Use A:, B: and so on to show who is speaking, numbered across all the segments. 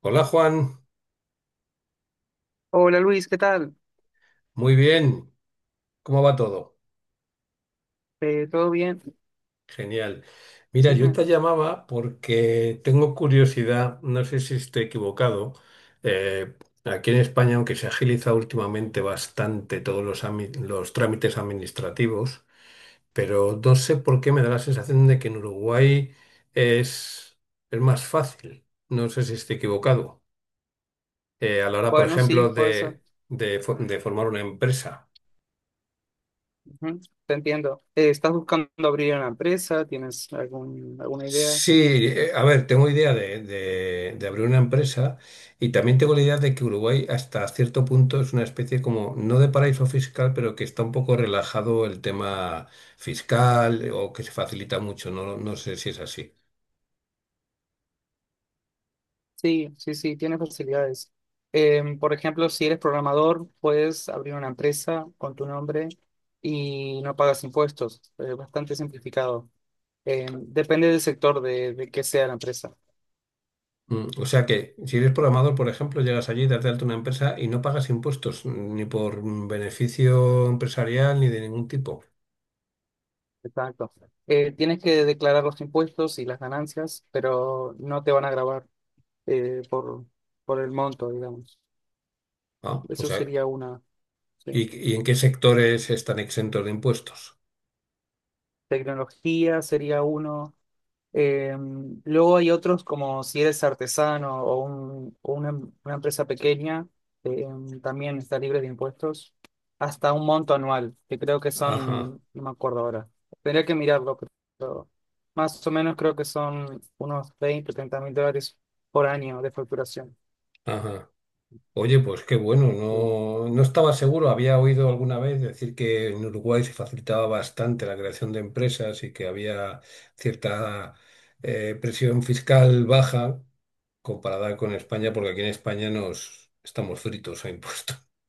A: Hola Juan,
B: Hola Luis, ¿qué tal?
A: muy bien, ¿cómo va todo?
B: ¿Todo bien?
A: Genial. Mira, yo
B: Dime.
A: te llamaba porque tengo curiosidad, no sé si estoy equivocado, eh, aquí en España, aunque se agiliza últimamente bastante todos los, los trámites administrativos, pero no sé por qué me da la sensación de que en Uruguay es, es más fácil, no sé si estoy equivocado, a la hora, por
B: Bueno, sí,
A: ejemplo,
B: pues, eso.
A: de de formar una empresa.
B: Ujú. Te entiendo. ¿Estás buscando abrir una empresa? ¿Tienes alguna idea?
A: Sí, a ver, tengo idea de, de abrir una empresa y también tengo la idea de que Uruguay hasta cierto punto es una especie como, no de paraíso fiscal, pero que está un poco relajado el tema fiscal o que se facilita mucho, no, no sé si es así.
B: Sí, sí, sí, tienes facilidades. Por ejemplo, si eres programador, puedes abrir una empresa con tu nombre y no pagas impuestos. Es bastante simplificado. Depende del sector de que sea la empresa.
A: Mm, o sea que si eres programador, por ejemplo, llegas allí, das de alta una empresa y no pagas impuestos ni por beneficio empresarial ni de ningún tipo.
B: Exacto. Tienes que declarar los impuestos y las ganancias, pero no te van a grabar, eh, por, por el monto, digamos.
A: Ah, o
B: Eso
A: sea,
B: sería una, ¿Sí?
A: y en qué sectores están exentos de impuestos?
B: Tecnología sería uno. Eh, Luego hay otros como si eres artesano o una empresa pequeña, eh, también está libre de impuestos, hasta un monto anual, que creo que
A: Ajá,
B: son, no me acuerdo ahora, tendría que mirarlo, pero más o menos creo que son unos 20 o 30 mil dólares por año de facturación.
A: ajá. Oye, pues qué bueno,
B: Sí.
A: no, no estaba seguro, había oído alguna vez decir que en Uruguay se facilitaba bastante la creación de empresas y que había cierta presión fiscal baja comparada con España, porque aquí en España nos estamos fritos a impuestos.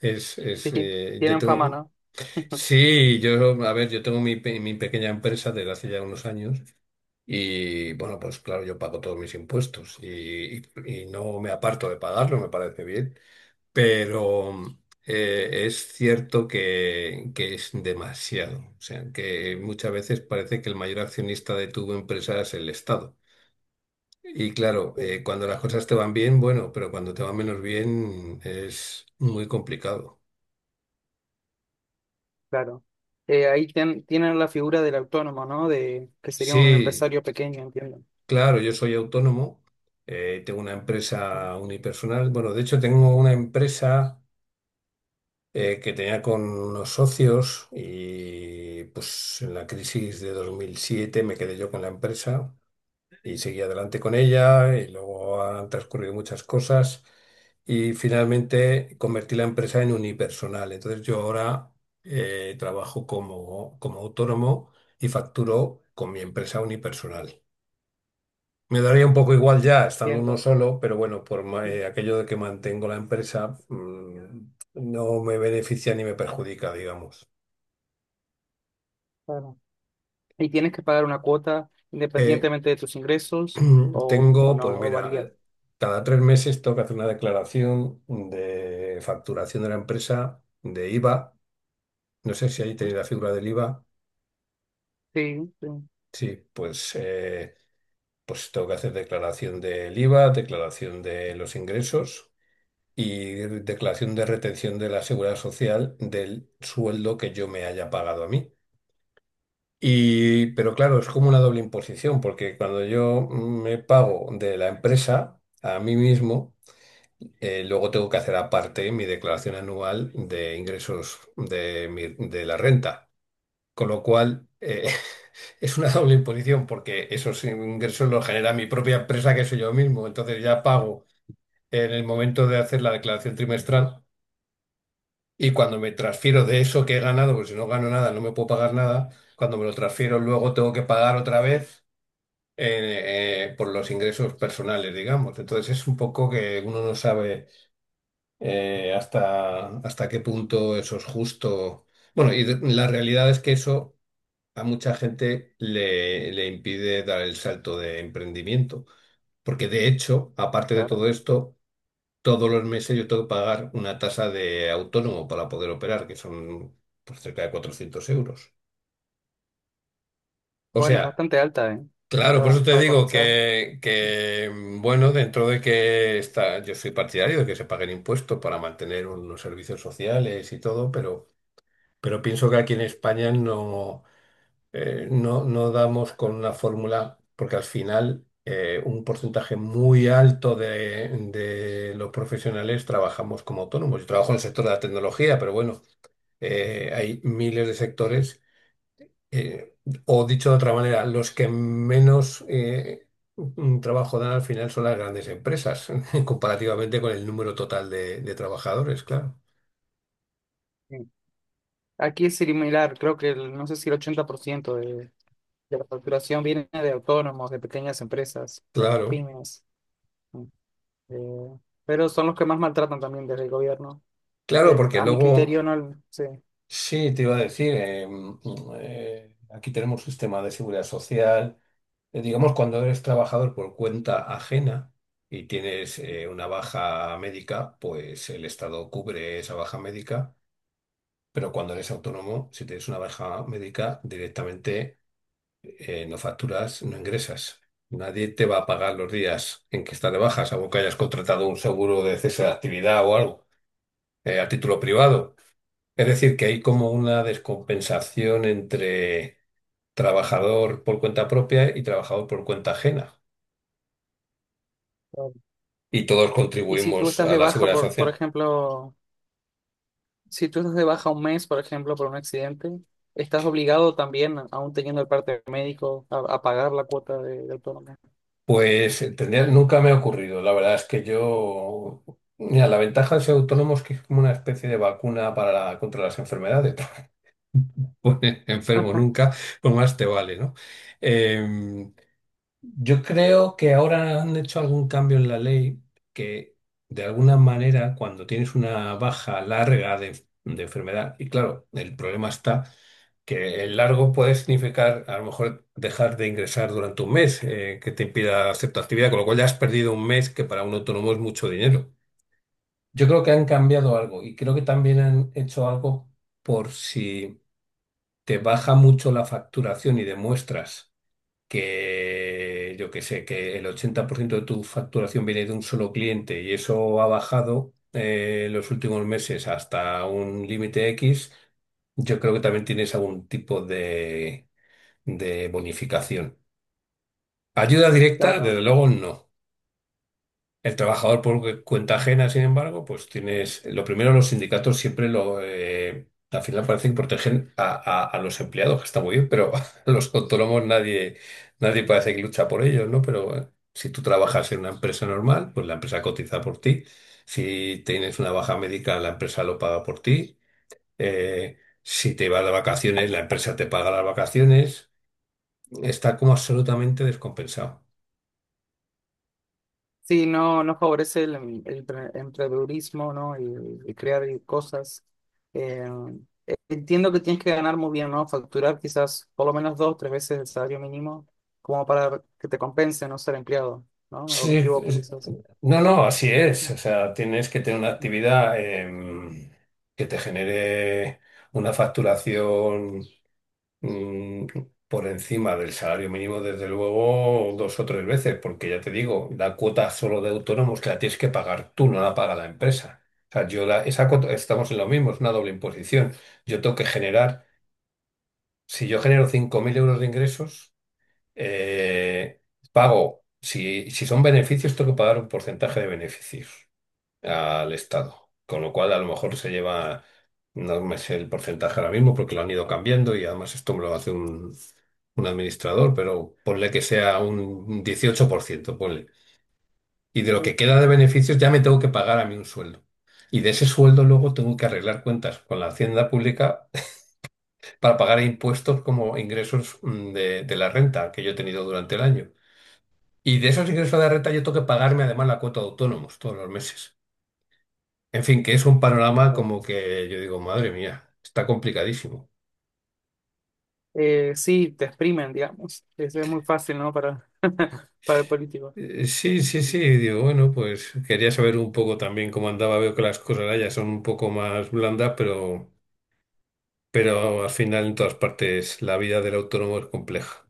A: Es, es,
B: Sí, sí.
A: eh, yo
B: Tienen fama,
A: tengo,
B: ¿no?
A: sí, yo, a ver, yo tengo mi pequeña empresa desde hace ya unos años y bueno, pues claro, yo pago todos mis impuestos y no me aparto de pagarlo, me parece bien. Pero es cierto que es demasiado. O sea, que muchas veces parece que el mayor accionista de tu empresa es el Estado. Y claro,
B: Sí.
A: cuando las cosas te van bien, bueno, pero cuando te van menos bien es muy complicado.
B: Claro. Ahí tienen la figura del autónomo, ¿no? De que sería un
A: Sí,
B: empresario pequeño, entiendo,
A: claro, yo soy autónomo, tengo una
B: ¿no?
A: empresa unipersonal. Bueno, de hecho tengo una empresa que tenía con unos socios y pues en la crisis de 2007 me quedé yo con la empresa y seguí adelante con ella y luego han transcurrido muchas cosas y finalmente convertí la empresa en unipersonal. Entonces yo ahora trabajo como, como autónomo y facturo con mi empresa unipersonal. Me daría un poco igual ya estando uno
B: Entiendo,
A: solo, pero bueno, aquello de que mantengo la empresa, no me beneficia ni me perjudica, digamos.
B: claro. Y tienes que pagar una cuota
A: Eh,
B: independientemente de tus ingresos o
A: tengo,
B: no,
A: pues
B: o varía.
A: mira, cada tres meses tengo que hacer una declaración de facturación de la empresa, de IVA. No sé si ahí
B: ¿No?
A: tenéis la figura del IVA.
B: Sí, sí,
A: Sí, pues, pues tengo que hacer declaración del IVA, declaración de los ingresos, y declaración de retención de la Seguridad Social del sueldo que yo me haya pagado a mí. Y, pero claro, es como una doble imposición, porque cuando yo me pago de la empresa a mí mismo, luego tengo que hacer aparte mi declaración anual de ingresos de, de la renta. Con lo cual, eh,
B: claro.
A: es una doble imposición porque esos ingresos los genera mi propia empresa, que soy yo mismo. Entonces ya pago en el momento de hacer la declaración trimestral. Y cuando me transfiero de eso que he ganado, porque si no gano nada, no me puedo pagar nada, cuando me lo transfiero luego tengo que pagar otra vez por los ingresos personales, digamos. Entonces es un poco que uno no sabe hasta qué punto eso es justo. Bueno, la realidad es que eso a mucha gente le impide dar el salto de emprendimiento, porque de hecho, aparte de todo
B: Claro.
A: esto, todos los meses yo tengo que pagar una tasa de autónomo para poder operar, que son pues, cerca de 400 euros. O
B: Bueno, es
A: sea,
B: bastante alta, ¿eh?
A: claro, por eso te
B: Para
A: digo
B: comenzar.
A: bueno, dentro de que está, yo soy partidario de que se paguen impuestos para mantener unos servicios sociales y todo, pero pienso que aquí en España no. No damos con una fórmula, porque al final un porcentaje muy alto de los profesionales trabajamos como autónomos. Yo trabajo en el sector de la tecnología, pero bueno, hay miles de sectores, eh, o dicho de otra manera, los que menos un trabajo dan al final son las grandes empresas, comparativamente con el número total de trabajadores, claro.
B: Sí. Aquí es similar, creo que no sé si el 80% de la facturación viene de autónomos, de pequeñas empresas, las
A: Claro,
B: pymes. mm, eh, pero son los que más maltratan también desde el gobierno.
A: claro, porque
B: A mi
A: luego...
B: criterio, no, sí.
A: Sí, te iba a decir, aquí tenemos sistema de seguridad social. Digamos, cuando eres trabajador por cuenta ajena y tienes una baja médica, pues el Estado cubre esa baja médica, pero cuando eres autónomo, si tienes una baja médica, directamente no facturas, no ingresas. Nadie te va a pagar los días en que estás de baja, salvo que hayas contratado un seguro de cese de actividad o algo, a título privado. Es decir, que hay como una descompensación entre trabajador por cuenta propia y trabajador por cuenta ajena.
B: Claro.
A: Y todos
B: Y si tú
A: contribuimos
B: estás
A: a
B: de
A: la
B: baja,
A: seguridad
B: por
A: social.
B: ejemplo, si tú estás de baja un mes, por ejemplo, por un accidente, estás obligado también, aún teniendo el parte médico, a pagar la cuota de autónomo.
A: Pues nunca me ha ocurrido. La verdad es que yo... Mira, la ventaja de ser autónomo es que es como una especie de vacuna para contra las enfermedades. No enfermo nunca, pues más te vale, ¿no? Em, yo creo que ahora han hecho algún cambio en la ley que, de alguna manera, cuando tienes una baja larga de enfermedad, y claro, el problema está que el largo puede significar a lo mejor dejar de ingresar durante un mes, que te impida hacer tu actividad, con lo cual ya has perdido un mes que para un autónomo es mucho dinero. Yo creo que han cambiado algo y creo que también han hecho algo por si te baja mucho la facturación y demuestras que yo que sé, que el 80% de tu facturación viene de un solo cliente y eso ha bajado los últimos meses hasta un límite X, yo creo que también tienes algún tipo de bonificación. Ayuda directa, desde
B: Claro.
A: luego no. El trabajador por cuenta ajena, sin embargo, pues tienes, lo primero los sindicatos siempre al final parece que protegen a los empleados, que está muy bien, pero a los autónomos nadie, nadie parece que lucha por ellos, ¿no? Pero si tú trabajas en una empresa normal, pues la empresa cotiza por ti. Si tienes una baja médica, la empresa lo paga por ti. Si te vas de vacaciones, la empresa te paga las vacaciones. Está como absolutamente descompensado.
B: Sí, no, no favorece el emprendedurismo, ¿no? Y crear y cosas. Eh, Entiendo que tienes que ganar muy bien, ¿no? Facturar quizás por lo menos dos, tres veces el salario mínimo, como para que te compense no ser empleado, ¿no? O me
A: Sí,
B: equivoco,
A: es-
B: quizás.
A: no, no, así es.
B: Mm,
A: O sea, tienes que tener una
B: mm.
A: actividad que te genere una facturación mm, por encima del salario mínimo, desde luego, dos o tres veces, porque ya te digo, la cuota solo de autónomos que la tienes que pagar tú, no la paga la empresa. O sea, esa cuota, estamos en lo mismo, es una doble imposición. Yo tengo que generar, si yo genero 5.000 euros de ingresos, eh, pago, si son beneficios, tengo que pagar un porcentaje de beneficios al Estado. Con lo cual, a lo mejor se lleva, no me sé el porcentaje ahora mismo porque lo han ido cambiando y además esto me lo hace un administrador, pero ponle que sea un 18% ponle. Y de lo
B: Uh,
A: que queda de beneficios ya me tengo que pagar a mí un sueldo. Y de ese sueldo luego tengo que arreglar cuentas con la Hacienda Pública para pagar impuestos como ingresos de la renta que yo he tenido durante el año. Y de esos ingresos de renta yo tengo que pagarme además la cuota de autónomos todos los meses. En fin, que es un panorama
B: claro.
A: como que yo digo, madre mía, está complicadísimo.
B: Sí, te exprimen, digamos. Es muy fácil, ¿no? Para, para el político.
A: Sí, sí,
B: Mm.
A: sí, digo, bueno, pues quería saber un poco también cómo andaba. Veo que las cosas allá son un poco más blandas, pero al final en todas partes la vida del autónomo es compleja.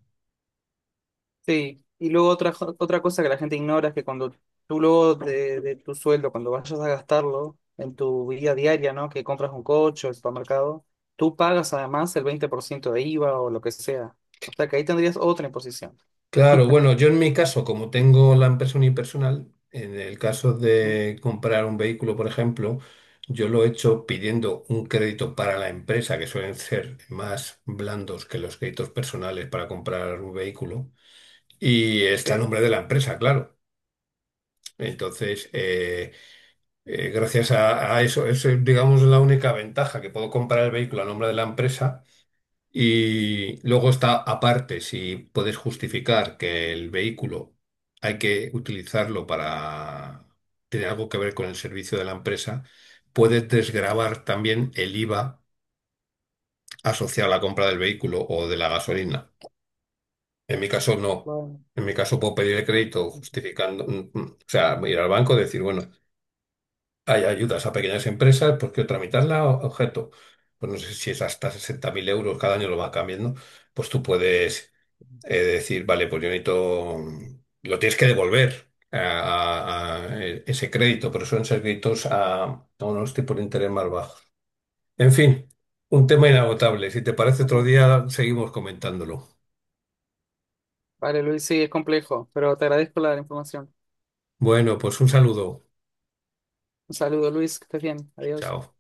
B: Sí, y luego otra cosa que la gente ignora es que cuando tú luego de tu sueldo, cuando vayas a gastarlo en tu vida diaria, ¿no? Que compras un coche o el supermercado, tú pagas además el 20% de IVA o lo que sea. O sea que ahí tendrías otra imposición.
A: Claro, bueno, yo en mi caso, como tengo la empresa unipersonal, en el caso
B: Ujú.
A: de comprar un vehículo, por ejemplo, yo lo he hecho pidiendo un crédito para la empresa, que suelen ser más blandos que los créditos personales para comprar un vehículo, y está el
B: Sí,
A: nombre de la empresa, claro. Entonces, gracias a eso, eso es, digamos, la única ventaja, que puedo comprar el vehículo a nombre de la empresa y luego está aparte, si puedes justificar que el vehículo hay que utilizarlo para tener algo que ver con el servicio de la empresa, puedes desgravar también el IVA asociado a la compra del vehículo o de la gasolina. En mi caso, no.
B: bueno.
A: En mi caso, puedo pedir el crédito
B: Ujú.
A: justificando, o sea, ir al banco y decir, bueno, hay ayudas a pequeñas empresas, pues quiero tramitarla objeto. Pues no sé si es hasta 60.000 euros, cada año lo va cambiando, pues tú puedes de decir, vale, pues yo necesito, lo tienes que devolver ese crédito, pero suelen ser créditos a unos tipos de interés más bajos. En fin, un tema inagotable. Si te parece otro
B: Bueno.
A: día, seguimos comentándolo.
B: Vale, Luis, sí, es complejo, pero te agradezco la información.
A: Bueno, pues un saludo.
B: Un saludo, Luis, que estés bien. Adiós.
A: Chao.